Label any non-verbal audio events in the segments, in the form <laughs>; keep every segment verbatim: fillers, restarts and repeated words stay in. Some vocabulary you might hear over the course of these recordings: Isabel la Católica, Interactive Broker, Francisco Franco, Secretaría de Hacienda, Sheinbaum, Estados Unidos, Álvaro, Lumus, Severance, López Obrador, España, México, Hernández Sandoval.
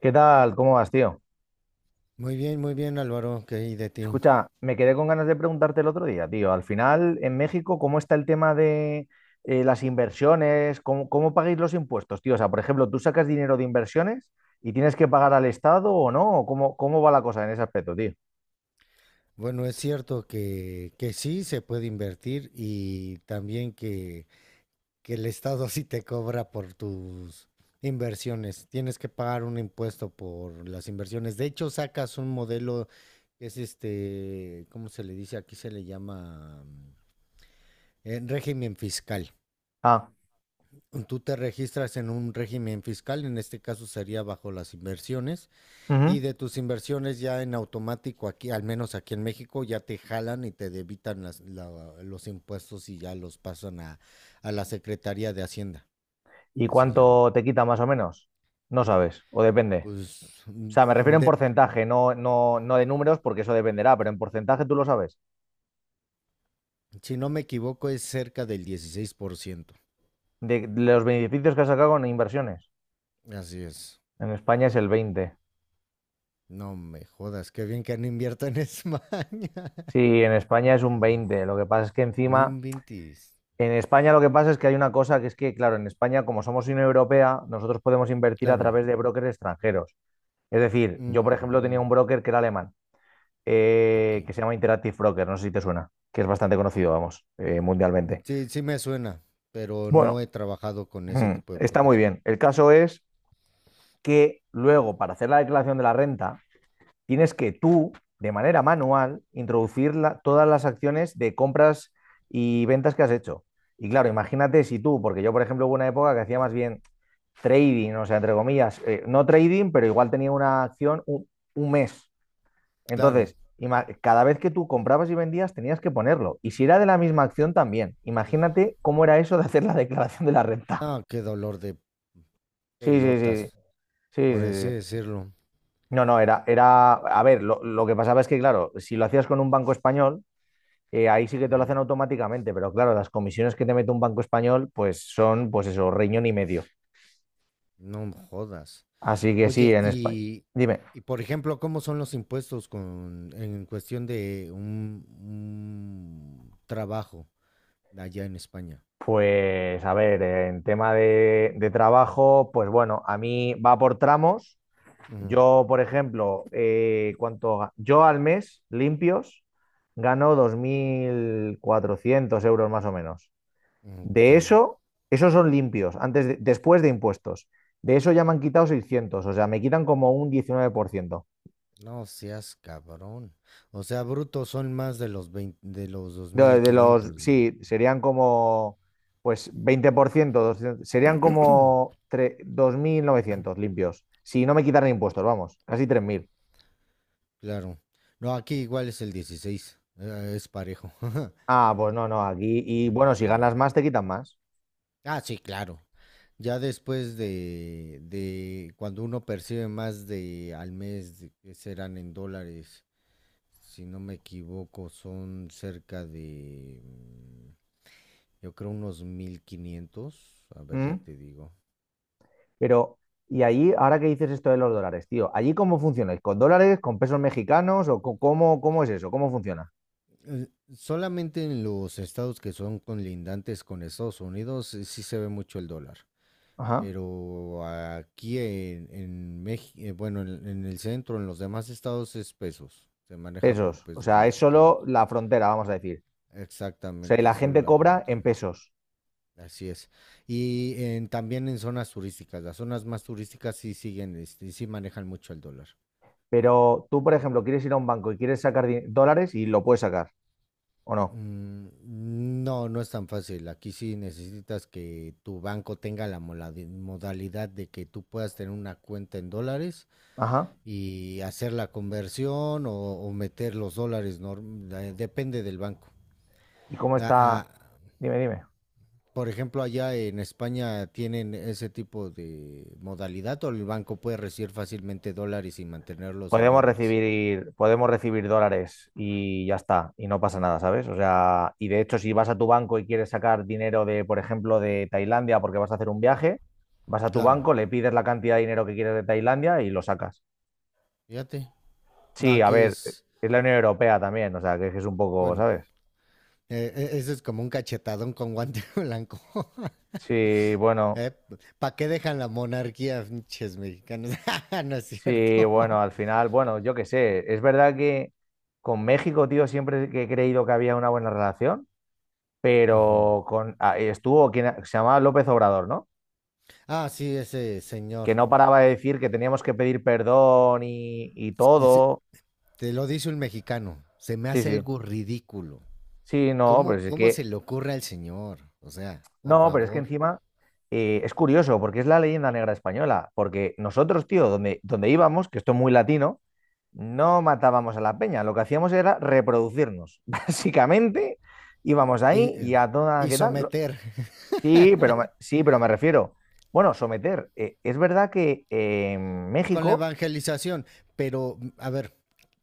¿Qué tal? ¿Cómo vas, tío? Muy bien, muy bien, Álvaro, ¿qué hay de ti? Escucha, me quedé con ganas de preguntarte el otro día, tío. Al final, en México, ¿cómo está el tema de eh, las inversiones? ¿Cómo, cómo pagáis los impuestos, tío? O sea, por ejemplo, ¿tú sacas dinero de inversiones y tienes que pagar al Estado o no? ¿O ¿Cómo, cómo va la cosa en ese aspecto, tío? Bueno, es cierto que, que sí se puede invertir y también que, que el Estado <laughs> sí te cobra por tus inversiones. Tienes que pagar un impuesto por las inversiones. De hecho, sacas un modelo que es este, ¿cómo se le dice? Aquí se le llama mm, eh, régimen fiscal. Ah, Tú te registras en un régimen fiscal, en este caso sería bajo las inversiones. Y ujú. de tus inversiones ya en automático aquí, al menos aquí en México, ya te jalan y te debitan las- la- los impuestos y ya los pasan a, a la Secretaría de Hacienda, ¿Y que se llama. cuánto te quita más o menos? No sabes, o depende. Pues, O sea, me refiero mm, en de- porcentaje, no, no, no de números, porque eso dependerá, pero en porcentaje tú lo sabes. si no me equivoco, es cerca del dieciséis por ciento. De los beneficios que has sacado con inversiones. Así es. En España es el veinte. No me jodas, qué bien que no invierto en España. <laughs> Sí, en España es un veinte. Lo que pasa es que No encima, inventes. en España lo que pasa es que hay una cosa que es que, claro, en España, como somos Unión Europea, nosotros podemos invertir a Claro. través de brokers extranjeros. Es decir, yo, por ejemplo, tenía Ujú. un broker que era alemán, Ok. eh, que se llama Interactive Broker, no sé si te suena, que es bastante conocido, vamos, eh, mundialmente. Sí, sí me suena, pero no Bueno, he trabajado con ese <clears throat> tipo de está broker. muy bien. El caso es que luego, para hacer la declaración de la renta, tienes que tú, de manera manual, introducir la- todas las acciones de compras y ventas que has hecho. Y claro, imagínate si tú, porque yo, por ejemplo, hubo una época que hacía más bien trading, o sea, entre comillas, eh, no trading, pero igual tenía una acción un, un mes. Claro. Entonces, cada vez que tú comprabas y vendías, tenías que ponerlo. Y si era de la misma acción, también. Imagínate cómo era eso de hacer la declaración de la renta. No, qué dolor de Sí, sí, sí. pelotas, Sí, sí, por así sí, sí. decirlo. No, no, era, era, a ver, lo, lo que pasaba es que, claro, si lo hacías con un banco español, eh, ahí sí que te lo hacen Ujú. automáticamente, pero claro, las comisiones que te mete un banco español, pues son, pues eso, riñón y medio. No jodas. Así que sí, Oye, en España. y, Dime. y por ejemplo, ¿cómo son los impuestos con, en cuestión de un, un trabajo allá en España? Pues a ver, en tema de, de trabajo, pues bueno, a mí va por tramos. Ujú. Yo, por ejemplo, eh, cuánto ga- yo al mes limpios gano dos mil cuatrocientos euros más o menos. Ok. De eso, esos son limpios, antes de- después de impuestos. De eso ya me han quitado seiscientos, o sea, me quitan como un diecinueve por ciento. No seas cabrón. O sea, brutos son más de los veinte, de los De, de los, dos mil quinientos, güey. sí, serían como, pues veinte por ciento, doscientos, serían como tre- dos mil novecientos limpios. Si no me quitaran impuestos, vamos, casi tres mil. Claro. No, aquí igual es el dieciséis. eh, Es parejo. <laughs> Ah, pues no, no, aquí, y Mm, bueno, si sí, ganas güey. más, te quitan más. Ah, sí, claro. Ya después de, de cuando uno percibe más de al mes, de- que serán en dólares, si no me equivoco, son cerca de, mm, yo creo unos mil quinientos. A ver, ya ¿Mm? te digo. Pero, y allí, ahora que dices esto de los dólares, tío, ¿allí cómo funcionáis? ¿Con dólares, con pesos mexicanos o co- cómo, cómo es eso? ¿Cómo funciona? Eh, Solamente en los estados que son conlindantes con Estados Unidos, eh, sí se ve mucho el dólar. Ajá. Pero aquí en, en México, bueno, en en el centro, en los demás estados es pesos. Se maneja por Pesos, o pesos sea, es mexicanos. solo la frontera, vamos a decir. O sea, y Exactamente, la solo gente la cobra en frontera. pesos. Así es. Y en- también en zonas turísticas, las zonas más turísticas sí siguen, este, sí manejan mucho el dólar. Pero tú, por ejemplo, quieres ir a un banco y quieres sacar di- dólares y lo puedes sacar, ¿o no? Mm. No, no es tan fácil. Aquí sí necesitas que tu banco tenga la moladi- modalidad de que tú puedas tener una cuenta en dólares Ajá. y hacer la conversión o, o meter los dólares. norm- eh, Depende del banco. ¿Y cómo Ah, ah, está? Dime, dime. Por ejemplo, allá en España tienen ese tipo de modalidad o el banco puede recibir fácilmente dólares y mantenerlos en Podemos dólares. recibir, podemos recibir dólares y ya está, y no pasa nada, ¿sabes? O sea, y de hecho, si vas a tu banco y quieres sacar dinero de, por ejemplo, de Tailandia porque vas a hacer un viaje, vas a tu Claro, banco, le pides la cantidad de dinero que quieres de Tailandia y lo sacas. fíjate. No, Sí, a aquí ver, es, es la Unión Europea también, o sea, que es un poco, bueno, ¿sabes? eh, eh, eso es como un cachetadón con guante <laughs> blanco. <laughs> Sí, bueno. ¿Eh? ¿Para qué dejan la monarquía, pinches mexicanos? <laughs> No es Sí, cierto. bueno, al <laughs> final, bueno, yo qué sé, es verdad que con México, tío, siempre que he creído que había una buena relación, Ujú. pero con ah, estuvo quien se llamaba López Obrador, ¿no? Ah, sí, ese señor. Que no paraba de decir que teníamos que pedir perdón y, y Dice- todo. Te lo dice un mexicano. Se me Sí, hace sí, algo ridículo. sí, no, pero ¿Cómo, es cómo se que, le ocurre al señor? O sea, por no, pero es que favor. encima eh, es curioso, porque es la leyenda negra española, porque nosotros, tío, donde, donde íbamos, que esto es muy latino, no matábamos a la peña, lo que hacíamos era reproducirnos. <laughs> Básicamente íbamos y, ahí eh, y a toda, y ¿qué tal? someter. <laughs> Sí, pero me, sí, pero me refiero. Bueno, someter. Eh, es verdad que eh, en Con la México. evangelización. Pero, mm, a ver,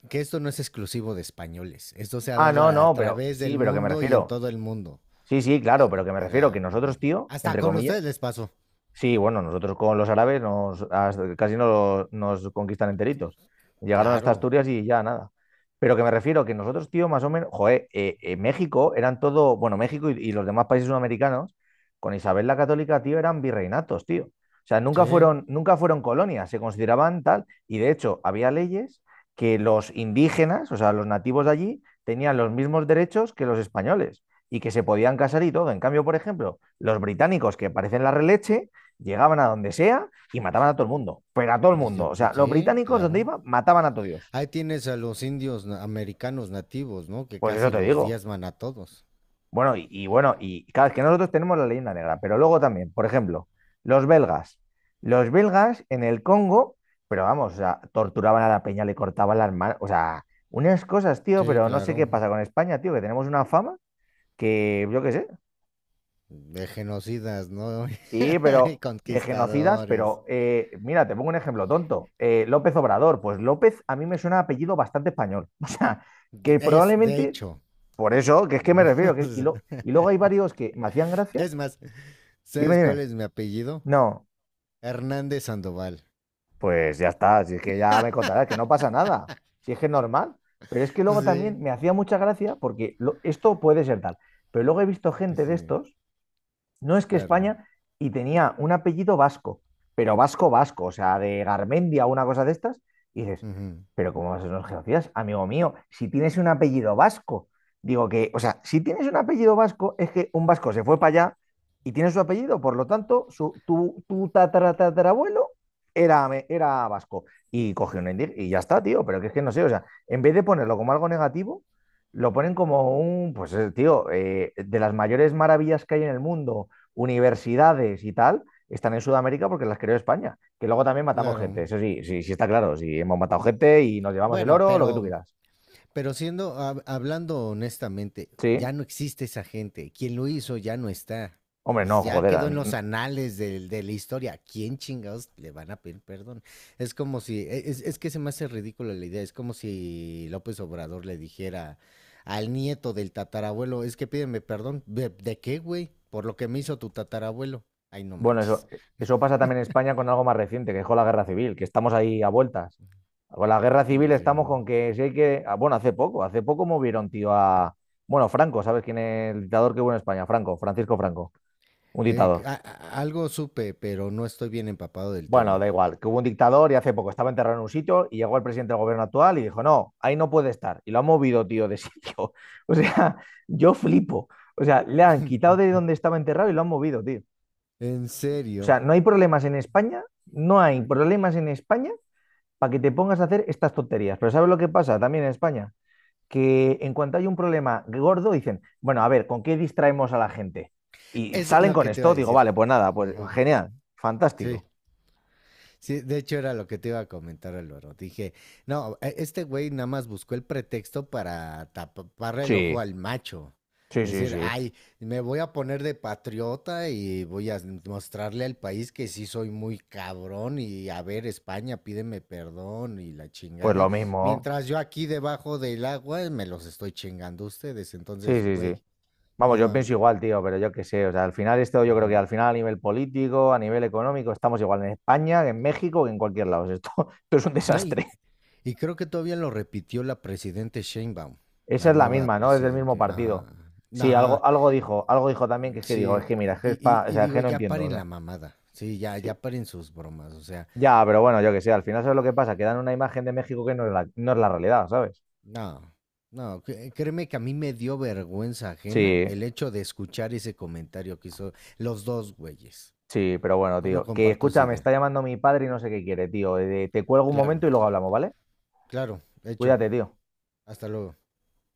que esto no es exclusivo de españoles. Esto se ha Ah, dado no, a no, pero través sí, del pero que me mundo y en refiero. todo el mundo. Sí, sí, claro, pero que me O refiero que sea, nosotros, tío, hasta entre con comillas. ustedes les pasó. Sí, bueno, nosotros con los árabes nos, as- casi nos, nos conquistan enteritos. Llegaron hasta Claro, Asturias y ya nada. Pero que me refiero que nosotros, tío, más o menos, joder, eh, eh, México eran todo, bueno, México y, y los demás países sudamericanos, con Isabel la Católica, tío, eran virreinatos, tío. O sea, nunca sí. fueron, nunca fueron colonias, se consideraban tal, y de hecho había leyes que los indígenas, o sea, los nativos de allí, tenían los mismos derechos que los españoles y que se podían casar y todo. En cambio, por ejemplo, los británicos, que parecen la releche, llegaban a donde sea y mataban a todo el mundo, pero a todo el Dice, mundo. O mm, sea, los Sí, británicos donde claro. iban mataban a todo Dios. Ahí tienes a los indios na- americanos nativos, ¿no? Que Pues eso casi te los digo. diezman a todos. Bueno, y, y bueno, y claro, es que nosotros tenemos la leyenda negra, pero luego también, por ejemplo, los belgas. Los belgas en el Congo, pero vamos, o sea, torturaban a la peña, le cortaban las manos, o sea, unas cosas, tío, Sí, pero no sé qué claro. pasa con España, tío, que tenemos una fama que, yo qué sé. De genocidas, ¿no? Sí, pero <laughs> de genocidas, Conquistadores. pero eh, mira, te pongo un ejemplo tonto. Eh, López Obrador, pues López a mí me suena a apellido bastante español. <laughs> O sea, que Es, de probablemente, hecho. por eso, que es que me refiero, que, y, lo- <laughs> y luego hay varios que me hacían gracia. Es más, Dime, ¿sabes cuál dime. es mi apellido? No, Hernández Sandoval. pues ya está, si es que ya me contarás, que no pasa nada, si es que es normal. Pero es que luego también Sí. me hacía mucha gracia porque lo- esto puede ser tal. Pero luego he visto gente de Sí, estos, no, es que claro. España, y tenía un apellido vasco, pero vasco, vasco, o sea, de Garmendia o una cosa de estas, y dices, Ujú. pero ¿cómo vas a ser unos genocidas? Amigo mío, si tienes un apellido vasco, digo que, o sea, si tienes un apellido vasco, es que un vasco se fue para allá y tiene su apellido, por lo tanto, su, tu, tu tatara, tatarabuelo era, era vasco y cogió un indig y ya está, tío, pero que es que no sé, o sea, en vez de ponerlo como algo negativo, lo ponen como un, pues, eh, tío, eh, de las mayores maravillas que hay en el mundo universidades y tal están en Sudamérica porque las creó España. Que luego también matamos gente, Claro. eso sí, sí, sí está claro. Sí, hemos matado gente y nos llevamos el Bueno, oro, lo que tú pero quieras. Pero siendo, hab- hablando honestamente, ya Sí. no existe esa gente. Quien lo hizo ya no está. Hombre, Es- no, Ya joder. quedó en los anales del- de la historia. ¿A quién chingados le van a pedir perdón? Es como si, e- es, es que se me hace ridícula la idea. Es como si López Obrador le dijera al nieto del tatarabuelo: es que pídeme perdón. ¿De, de qué, güey? Por lo que me hizo tu tatarabuelo. Ay, no Bueno, eso, manches. eso pasa también en España con algo más reciente, que es con la guerra civil, que estamos ahí a vueltas. Con la guerra civil Bueno, sí, estamos ¿no? con que si hay que. ah, Bueno, hace poco, hace poco movieron, tío, a. Bueno, Franco, ¿sabes quién es el dictador que hubo en España? Franco, Francisco Franco, un Eh, dictador. A- a- algo supe, pero no estoy bien empapado del Bueno, da tema. igual, que hubo un dictador y hace poco estaba enterrado en un sitio y llegó el presidente del gobierno actual y dijo, no, ahí no puede estar. Y lo ha movido, tío, de sitio. <laughs> O sea, yo flipo. O sea, le han quitado de <laughs> donde estaba enterrado y lo han movido, tío. En O sea, serio. no hay problemas en España, no hay problemas en España para que te pongas a hacer estas tonterías. Pero ¿sabes lo que pasa también en España? Que en cuanto hay un problema gordo, dicen, bueno, a ver, ¿con qué distraemos a la gente? Y Es salen lo con que te iba a esto, digo, decir. vale, pues nada, pues Ajá. genial, Sí, fantástico. sí, de hecho era lo que te iba a comentar el oro. Dije, no, e- este güey nada más buscó el pretexto para taparle el ojo Sí, al macho. sí, Es sí, decir, sí. ay, me voy a poner de patriota y voy a mostrarle al país que sí soy muy cabrón y, a ver, España, pídeme perdón y la Pues lo chingada. mismo. Mientras yo aquí debajo del agua me los estoy chingando a ustedes. Sí, Entonces, sí, sí. güey, no Vamos, yo pienso mames. igual, tío, pero yo qué sé. O sea, al final esto yo creo que al final a nivel político, a nivel económico, estamos igual en España, que en México, que en cualquier lado. <laughs> O sea, esto, <laughs> esto es un No, y, desastre. y creo que todavía lo repitió la presidente Sheinbaum, Esa la es la nueva misma, ¿no? Es del mismo presidente. Ajá, partido. Sí, algo, ajá, algo dijo, algo dijo también que es que digo, es sí. que mira, es que, Y, es y, pa- o Y sea, es que digo, no ya entiendo. O paren sea, la mamada. Sí, ya, ya sí. paren sus bromas. O sea, Ya, pero bueno, yo qué sé, al final sabes lo que pasa, que dan una imagen de México que no es la, no es la realidad, ¿sabes? no, no, cre- créeme que a mí me dio vergüenza ajena Sí, el hecho de escuchar ese comentario que hizo los dos güeyes. sí, pero bueno, Yo no tío. Que comparto esa escucha, me está idea. llamando mi padre y no sé qué quiere, tío. Eh, Te cuelgo un Claro, momento y luego hablamos, ¿vale? claro, hecho. Cuídate, tío. Hasta luego.